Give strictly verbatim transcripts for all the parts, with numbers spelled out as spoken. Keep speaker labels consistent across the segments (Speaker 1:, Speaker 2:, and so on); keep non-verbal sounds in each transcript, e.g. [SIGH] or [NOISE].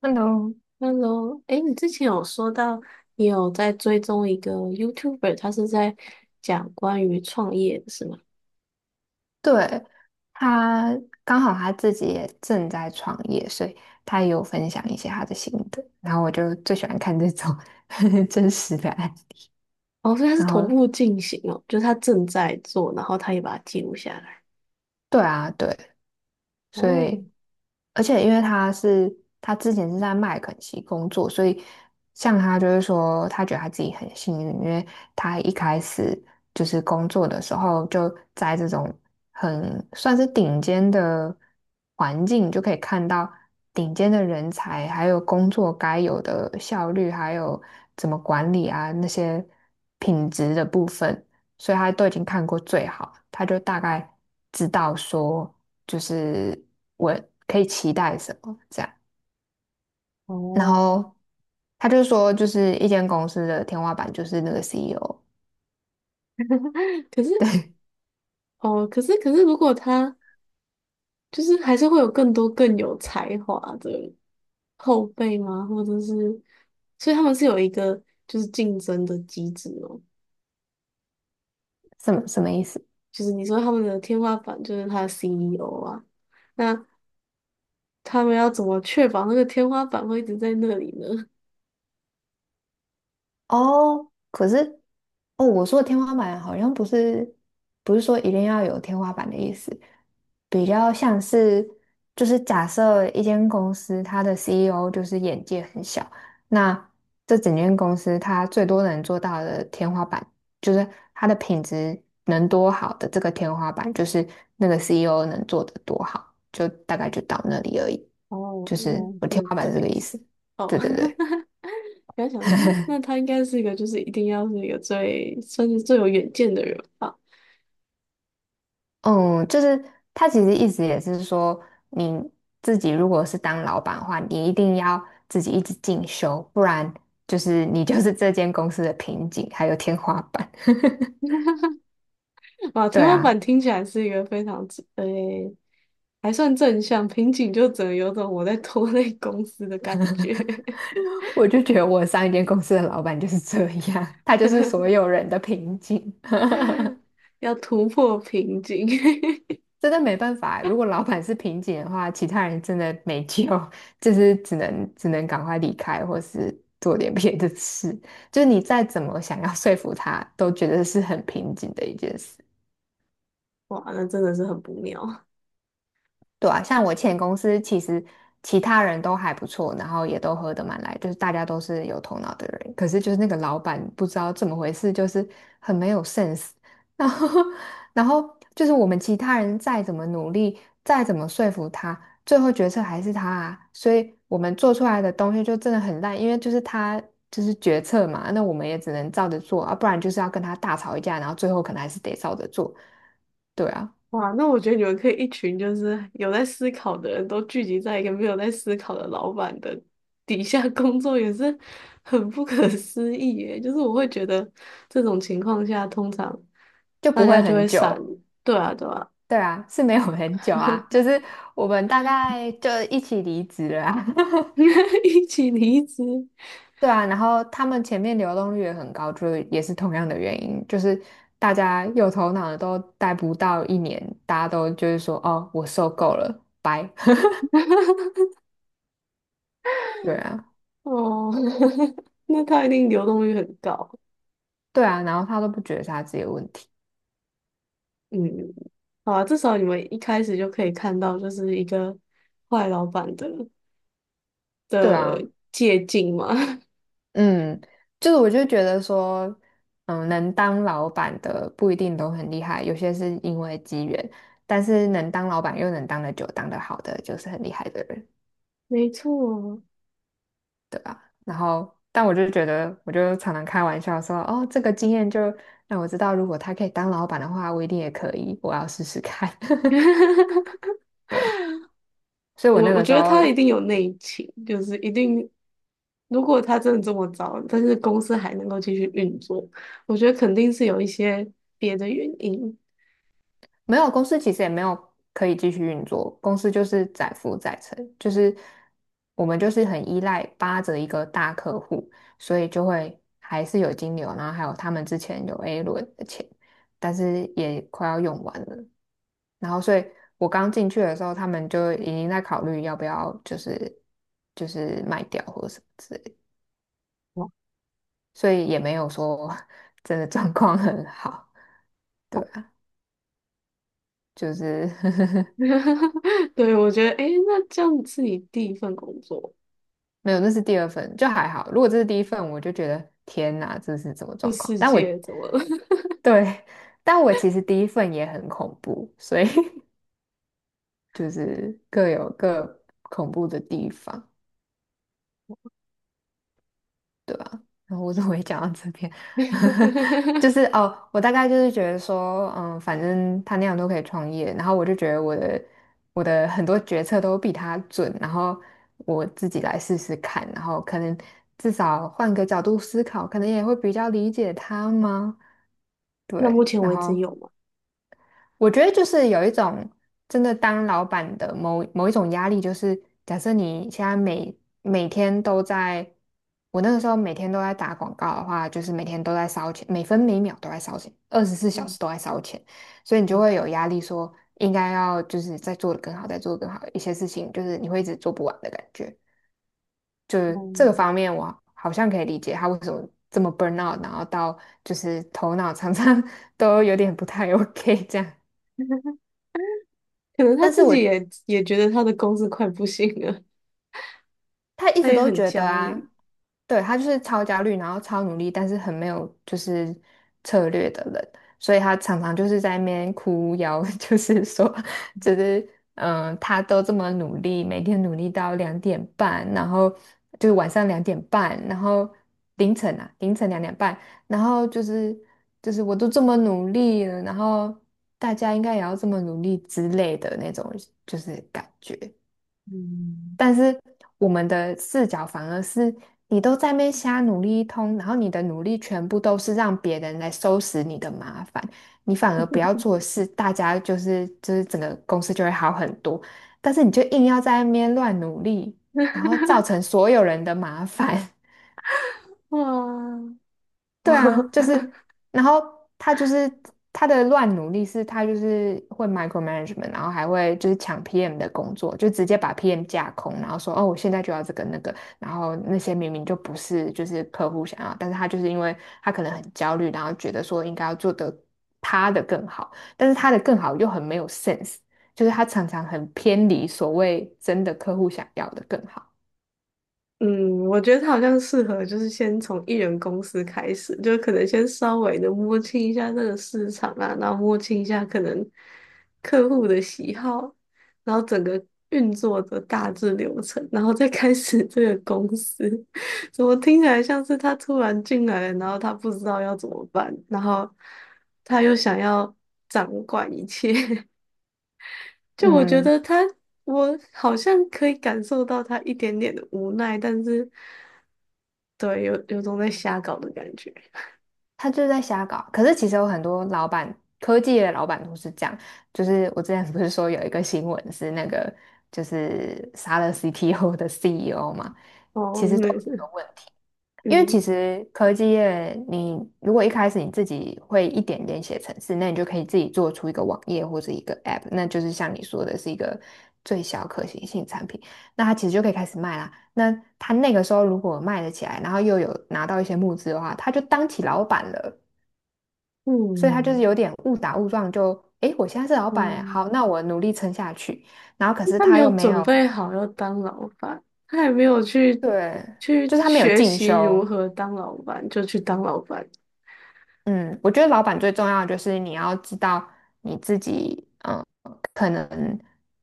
Speaker 1: Hello，
Speaker 2: Hello，哎，你之前有说到你有在追踪一个 YouTuber，他是在讲关于创业的是吗？
Speaker 1: 对，他刚好他自己也正在创业，所以他也有分享一些他的心得。然后我就最喜欢看这种 [LAUGHS] 真实的案。
Speaker 2: 哦，所以他是
Speaker 1: 然
Speaker 2: 同
Speaker 1: 后，
Speaker 2: 步进行哦，就是他正在做，然后他也把它记录下来。
Speaker 1: 对啊，对，所以
Speaker 2: 哦
Speaker 1: 而且因为他是他之前是在麦肯锡工作，所以像他就是说，他觉得他自己很幸运，因为他一开始就是工作的时候就在这种很算是顶尖的环境，就可以看到顶尖的人才，还有工作该有的效率，还有怎么管理啊那些品质的部分。所以他都已经看过最好，他就大概知道说，就是我可以期待什么这样。然
Speaker 2: 哦，
Speaker 1: 后他就说，就是一间公司的天花板就是那个 C E O，
Speaker 2: 可是哦，可是可是，如果他就是还是会有更多更有才华的后辈吗？或者是，所以他们是有一个就是竞争的机制哦，
Speaker 1: 什么什么意思？
Speaker 2: 就是你说他们的天花板就是他的 C E O 啊。那他们要怎么确保那个天花板会一直在那里呢？
Speaker 1: 哦，可是哦，我说的天花板好像不是不是说一定要有天花板的意思，比较像是，就是假设一间公司它的 C E O 就是眼界很小，那这整间公司它最多能做到的天花板，就是它的品质能多好的这个天花板，就是那个 C E O 能做的多好，就大概就到那里而已。
Speaker 2: [LAUGHS] 哦，
Speaker 1: 就
Speaker 2: 原
Speaker 1: 是
Speaker 2: 来
Speaker 1: 我天
Speaker 2: 是
Speaker 1: 花板
Speaker 2: 这
Speaker 1: 是这
Speaker 2: 个
Speaker 1: 个
Speaker 2: 意
Speaker 1: 意
Speaker 2: 思。
Speaker 1: 思。
Speaker 2: 哦，
Speaker 1: 对对对。
Speaker 2: [LAUGHS] 原来想说，嗯，那他应该是一个，就是一定要是一个最算是最有远见的人吧？
Speaker 1: 嗯，就是他其实意思也是说，你自己如果是当老板的话，你一定要自己一直进修，不然就是你就是这间公司的瓶颈，还有天花板。[LAUGHS]
Speaker 2: 啊，
Speaker 1: 对
Speaker 2: 天花板
Speaker 1: 啊，
Speaker 2: 听起来是一个非常正诶、还算正向，瓶颈就只能有种我在拖累公司的感觉，
Speaker 1: 我就觉得我上一间公司的老板就是这样，他就是所有人的瓶颈。
Speaker 2: [LAUGHS] 要突破瓶颈，
Speaker 1: 真的没办法。如果老板是瓶颈的话，其他人真的没救，[LAUGHS] 就是只能只能赶快离开，或是做点别的事。就是你再怎么想要说服他，都觉得是很瓶颈的一件事。
Speaker 2: [LAUGHS] 哇，那真的是很不妙。
Speaker 1: 对啊，像我前公司其实其他人都还不错，然后也都合得蛮来，就是大家都是有头脑的人。可是就是那个老板不知道怎么回事，就是很没有 sense。[LAUGHS] 然后，[LAUGHS] 然后就是我们其他人再怎么努力，再怎么说服他，最后决策还是他啊。所以我们做出来的东西就真的很烂，因为就是他就是决策嘛，那我们也只能照着做啊，不然就是要跟他大吵一架，然后最后可能还是得照着做。对啊，
Speaker 2: 哇，那我觉得你们可以一群就是有在思考的人都聚集在一个没有在思考的老板的底下工作，也是很不可思议耶。就是我会觉得这种情况下，通常
Speaker 1: 就
Speaker 2: 大
Speaker 1: 不会
Speaker 2: 家就
Speaker 1: 很
Speaker 2: 会散，
Speaker 1: 久。
Speaker 2: 对啊，对啊，
Speaker 1: 对啊，是没有很久啊，就是我们大概就一起离职了啊。[LAUGHS]
Speaker 2: [LAUGHS] 一起离职
Speaker 1: 对啊，然后他们前面流动率也很高，就是也是同样的原因，就是大家有头脑的都待不到一年，大家都就是说哦，我受够了，拜。[LAUGHS] 对啊，
Speaker 2: 哦，[LAUGHS] 那他一定流动率很高。
Speaker 1: 对啊，然后他都不觉得是他自己的问题。
Speaker 2: 嗯，好啊，至少你们一开始就可以看到，就是一个坏老板的
Speaker 1: 对啊。
Speaker 2: 的借鉴嘛。[LAUGHS]
Speaker 1: 嗯，就是我就觉得说，嗯，能当老板的不一定都很厉害，有些是因为机缘，但是能当老板又能当得久、当得好的，就是很厉害的人，
Speaker 2: 没错。
Speaker 1: 对吧？然后，但我就觉得，我就常常开玩笑说，哦，这个经验就让我知道，如果他可以当老板的话，我一定也可以，我要试试看，
Speaker 2: [LAUGHS]
Speaker 1: [LAUGHS] 对吧？所以
Speaker 2: 我
Speaker 1: 我那
Speaker 2: 我
Speaker 1: 个时
Speaker 2: 觉得他一
Speaker 1: 候
Speaker 2: 定有内情，就是一定，如果他真的这么糟，但是公司还能够继续运作，我觉得肯定是有一些别的原因。
Speaker 1: 没有，公司其实也没有可以继续运作，公司就是载浮载沉，就是我们就是很依赖扒着一个大客户，所以就会还是有金流，然后还有他们之前有 A 轮的钱，但是也快要用完了，然后所以我刚进去的时候，他们就已经在考虑要不要就是就是卖掉或者什么之类的。
Speaker 2: 哦
Speaker 1: 所以也没有说 [LAUGHS] 真的状况很好，对
Speaker 2: [LAUGHS]
Speaker 1: 啊，就是 [LAUGHS]
Speaker 2: 对，我觉得，诶，那这样是你第一份工作，
Speaker 1: 没有，那是第二份，就还好。如果这是第一份，我就觉得天哪，这是什么
Speaker 2: 这
Speaker 1: 状况？
Speaker 2: 世
Speaker 1: 但我
Speaker 2: 界怎么了？
Speaker 1: 对，但我其实第一份也很恐怖，所以 [LAUGHS] 就是各有各恐怖的地方。对吧？然后我怎么会讲到这边？[LAUGHS] 就
Speaker 2: [LAUGHS]
Speaker 1: 是哦，我大概就是觉得说，嗯，反正他那样都可以创业，然后我就觉得我的我的很多决策都比他准，然后我自己来试试看，然后可能至少换个角度思考，可能也会比较理解他吗？
Speaker 2: 那目
Speaker 1: 对，
Speaker 2: 前
Speaker 1: 然
Speaker 2: 为止
Speaker 1: 后
Speaker 2: 有吗？
Speaker 1: 我觉得就是有一种真的当老板的某某一种压力，就是假设你现在每每天都在，我那个时候每天都在打广告的话，就是每天都在烧钱，每分每秒都在烧钱，二十四小
Speaker 2: 嗯，
Speaker 1: 时都在烧钱，所以你
Speaker 2: 哦，
Speaker 1: 就会有压力说，应该要就是再做得更好，再做得更好，一些事情就是你会一直做不完的感觉。就是这个
Speaker 2: 嗯，
Speaker 1: 方面，我好像可以理解他为什么这么 burn out，然后到就是头脑常常 [LAUGHS] 都有点不太 OK 这样。
Speaker 2: [LAUGHS] 可能他
Speaker 1: 但是
Speaker 2: 自
Speaker 1: 我
Speaker 2: 己也也觉得他的公司快不行了，
Speaker 1: 他一
Speaker 2: 他
Speaker 1: 直
Speaker 2: 也
Speaker 1: 都
Speaker 2: 很
Speaker 1: 觉得
Speaker 2: 焦虑。
Speaker 1: 啊，对，他就是超焦虑，然后超努力，但是很没有就是策略的人，所以他常常就是在那边哭腰，[LAUGHS] 就是说，就是嗯，呃他都这么努力，每天努力到两点半，然后就是晚上两点半，然后凌晨啊，凌晨两点半，然后就是就是我都这么努力了，然后大家应该也要这么努力之类的那种，就是感觉。
Speaker 2: 嗯，
Speaker 1: 但是我们的视角反而是你都在那边瞎努力一通，然后你的努力全部都是让别人来收拾你的麻烦，你反而不要做事，大家就是就是整个公司就会好很多。但是你就硬要在那边乱努力，然后造成所有人的麻烦。
Speaker 2: 哇，[LAUGHS]
Speaker 1: 对啊，
Speaker 2: 哇，
Speaker 1: 就
Speaker 2: [LAUGHS]
Speaker 1: 是，然后他就是他的乱努力是，他就是会 micromanagement，然后还会就是抢 P M 的工作，就直接把 P M 架空，然后说哦，我现在就要这个那个，然后那些明明就不是就是客户想要，但是他就是因为他可能很焦虑，然后觉得说应该要做得他的更好，但是他的更好又很没有 sense，就是他常常很偏离所谓真的客户想要的更好。
Speaker 2: 嗯，我觉得他好像适合，就是先从艺人公司开始，就可能先稍微的摸清一下这个市场啊，然后摸清一下可能客户的喜好，然后整个运作的大致流程，然后再开始这个公司。[LAUGHS] 怎么听起来像是他突然进来了，然后他不知道要怎么办，然后他又想要掌管一切。[LAUGHS] 就我觉
Speaker 1: 嗯，
Speaker 2: 得他，我好像可以感受到他一点点的无奈，但是。对，有有种在瞎搞的感觉。
Speaker 1: 他就在瞎搞。可是其实有很多老板，科技的老板都是这样。就是我之前不是说有一个新闻是那个就是杀了 C T O 的 C E O 嘛，
Speaker 2: 哦，
Speaker 1: 其实都
Speaker 2: 没
Speaker 1: 有这个
Speaker 2: 是，
Speaker 1: 问题。
Speaker 2: [LAUGHS]
Speaker 1: 因为其
Speaker 2: 嗯，
Speaker 1: 实科技业，你如果一开始你自己会一点点写程式，那你就可以自己做出一个网页或者一个 App，那就是像你说的是一个最小可行性产品，那他其实就可以开始卖啦。那他那个时候如果卖得起来，然后又有拿到一些募资的话，他就当起老板了。所以他就是
Speaker 2: 嗯，
Speaker 1: 有点误打误撞就，诶，我现在是老板诶，
Speaker 2: 嗯，
Speaker 1: 好，那我努力撑下去。然后可是
Speaker 2: 他没
Speaker 1: 他
Speaker 2: 有
Speaker 1: 又没
Speaker 2: 准
Speaker 1: 有，
Speaker 2: 备好要当老板，他也没有去
Speaker 1: 对，
Speaker 2: 去
Speaker 1: 就是他没有
Speaker 2: 学
Speaker 1: 进
Speaker 2: 习如
Speaker 1: 修，
Speaker 2: 何当老板，就去当老板。
Speaker 1: 嗯，我觉得老板最重要的就是你要知道你自己，嗯，可能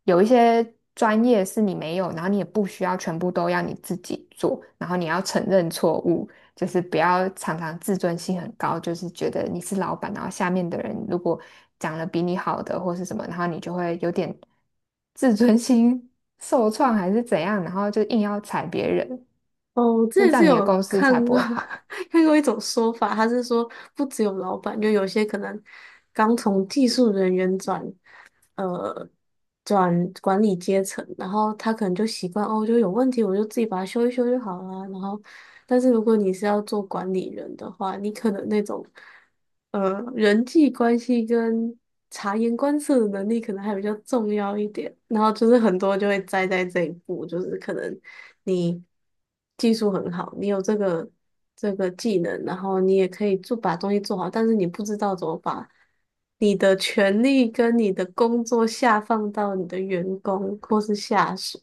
Speaker 1: 有一些专业是你没有，然后你也不需要全部都要你自己做，然后你要承认错误，就是不要常常自尊心很高，就是觉得你是老板，然后下面的人如果讲了比你好的或是什么，然后你就会有点 [LAUGHS] 自尊心受创还是怎样，然后就硬要踩别人，
Speaker 2: 哦，我之
Speaker 1: 那
Speaker 2: 前
Speaker 1: 这
Speaker 2: 是
Speaker 1: 样你的
Speaker 2: 有
Speaker 1: 公司
Speaker 2: 看
Speaker 1: 才不
Speaker 2: 过
Speaker 1: 会好。
Speaker 2: [LAUGHS] 看过一种说法，他是说不只有老板，就有些可能刚从技术人员转，呃转管理阶层，然后他可能就习惯哦，就有问题我就自己把它修一修就好了。然后，但是如果你是要做管理人的话，你可能那种呃人际关系跟察言观色的能力可能还比较重要一点。然后就是很多就会栽在这一步，就是可能你。技术很好，你有这个这个技能，然后你也可以做把东西做好，但是你不知道怎么把你的权利跟你的工作下放到你的员工或是下属，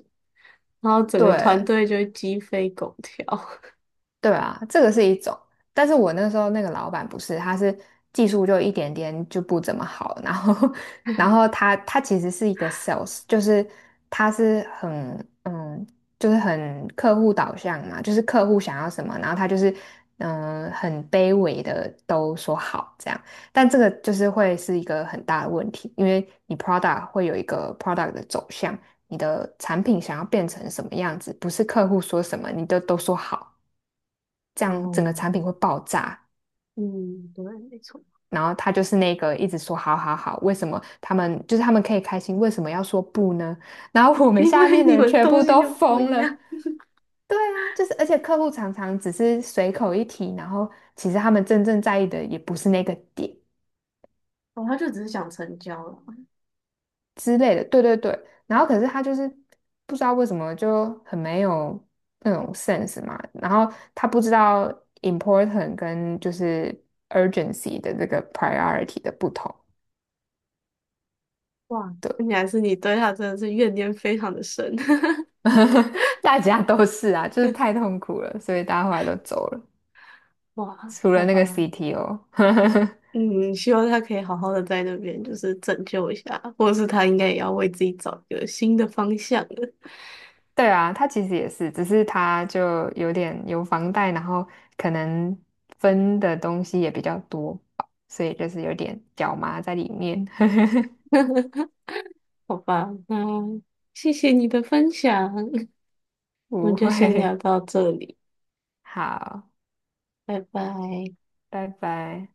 Speaker 2: 然后整个团
Speaker 1: 对。
Speaker 2: 队就会鸡飞狗跳。[LAUGHS]
Speaker 1: 对啊，这个是一种，但是我那时候那个老板不是，他是技术就一点点就不怎么好，然后 [LAUGHS] 然后他他其实是一个 sales，就是他是很嗯，就是很客户导向嘛，就是客户想要什么，然后他就是嗯很卑微的都说好这样，但这个就是会是一个很大的问题，因为你 product 会有一个 product 的走向，你的产品想要变成什么样子，不是客户说什么你都都说好。这样整个
Speaker 2: 哦，
Speaker 1: 产品会爆炸。
Speaker 2: 嗯，对，没错。
Speaker 1: 然后他就是那个一直说好好好，为什么他们就是他们可以开心，为什么要说不呢？然后我们
Speaker 2: 因
Speaker 1: 下
Speaker 2: 为
Speaker 1: 面的
Speaker 2: 你
Speaker 1: 人
Speaker 2: 们
Speaker 1: 全
Speaker 2: 东
Speaker 1: 部
Speaker 2: 西
Speaker 1: 都
Speaker 2: 就不
Speaker 1: 疯
Speaker 2: 一
Speaker 1: 了。
Speaker 2: 样。
Speaker 1: 对啊，就是而且客户常常只是随口一提，然后其实他们真正在意的也不是那个点
Speaker 2: 哦，他就只是想成交了。
Speaker 1: 之类的。对对对，然后可是他就是不知道为什么就很没有那种 sense 嘛，然后他不知道 important 跟就是 urgency 的这个 priority 的不同。
Speaker 2: 哇，
Speaker 1: 对
Speaker 2: 看起来是你对他真的是怨念非常的深。[LAUGHS]
Speaker 1: [LAUGHS] 大家都是啊，就是太痛苦了，所以大家后来都走了，
Speaker 2: 哇，
Speaker 1: 除了
Speaker 2: 好
Speaker 1: 那个
Speaker 2: 吧，
Speaker 1: C T O。[LAUGHS]
Speaker 2: 嗯，希望他可以好好的在那边，就是拯救一下，或者是他应该也要为自己找一个新的方向了。
Speaker 1: 对啊，他其实也是，只是他就有点有房贷，然后可能分的东西也比较多吧，所以就是有点脚麻在里面。[LAUGHS]
Speaker 2: [LAUGHS] 好吧，嗯，谢谢你的分享，[LAUGHS] 我们
Speaker 1: 不
Speaker 2: 就先聊
Speaker 1: 会，
Speaker 2: 到这里，
Speaker 1: 好，
Speaker 2: 拜拜。
Speaker 1: 拜拜。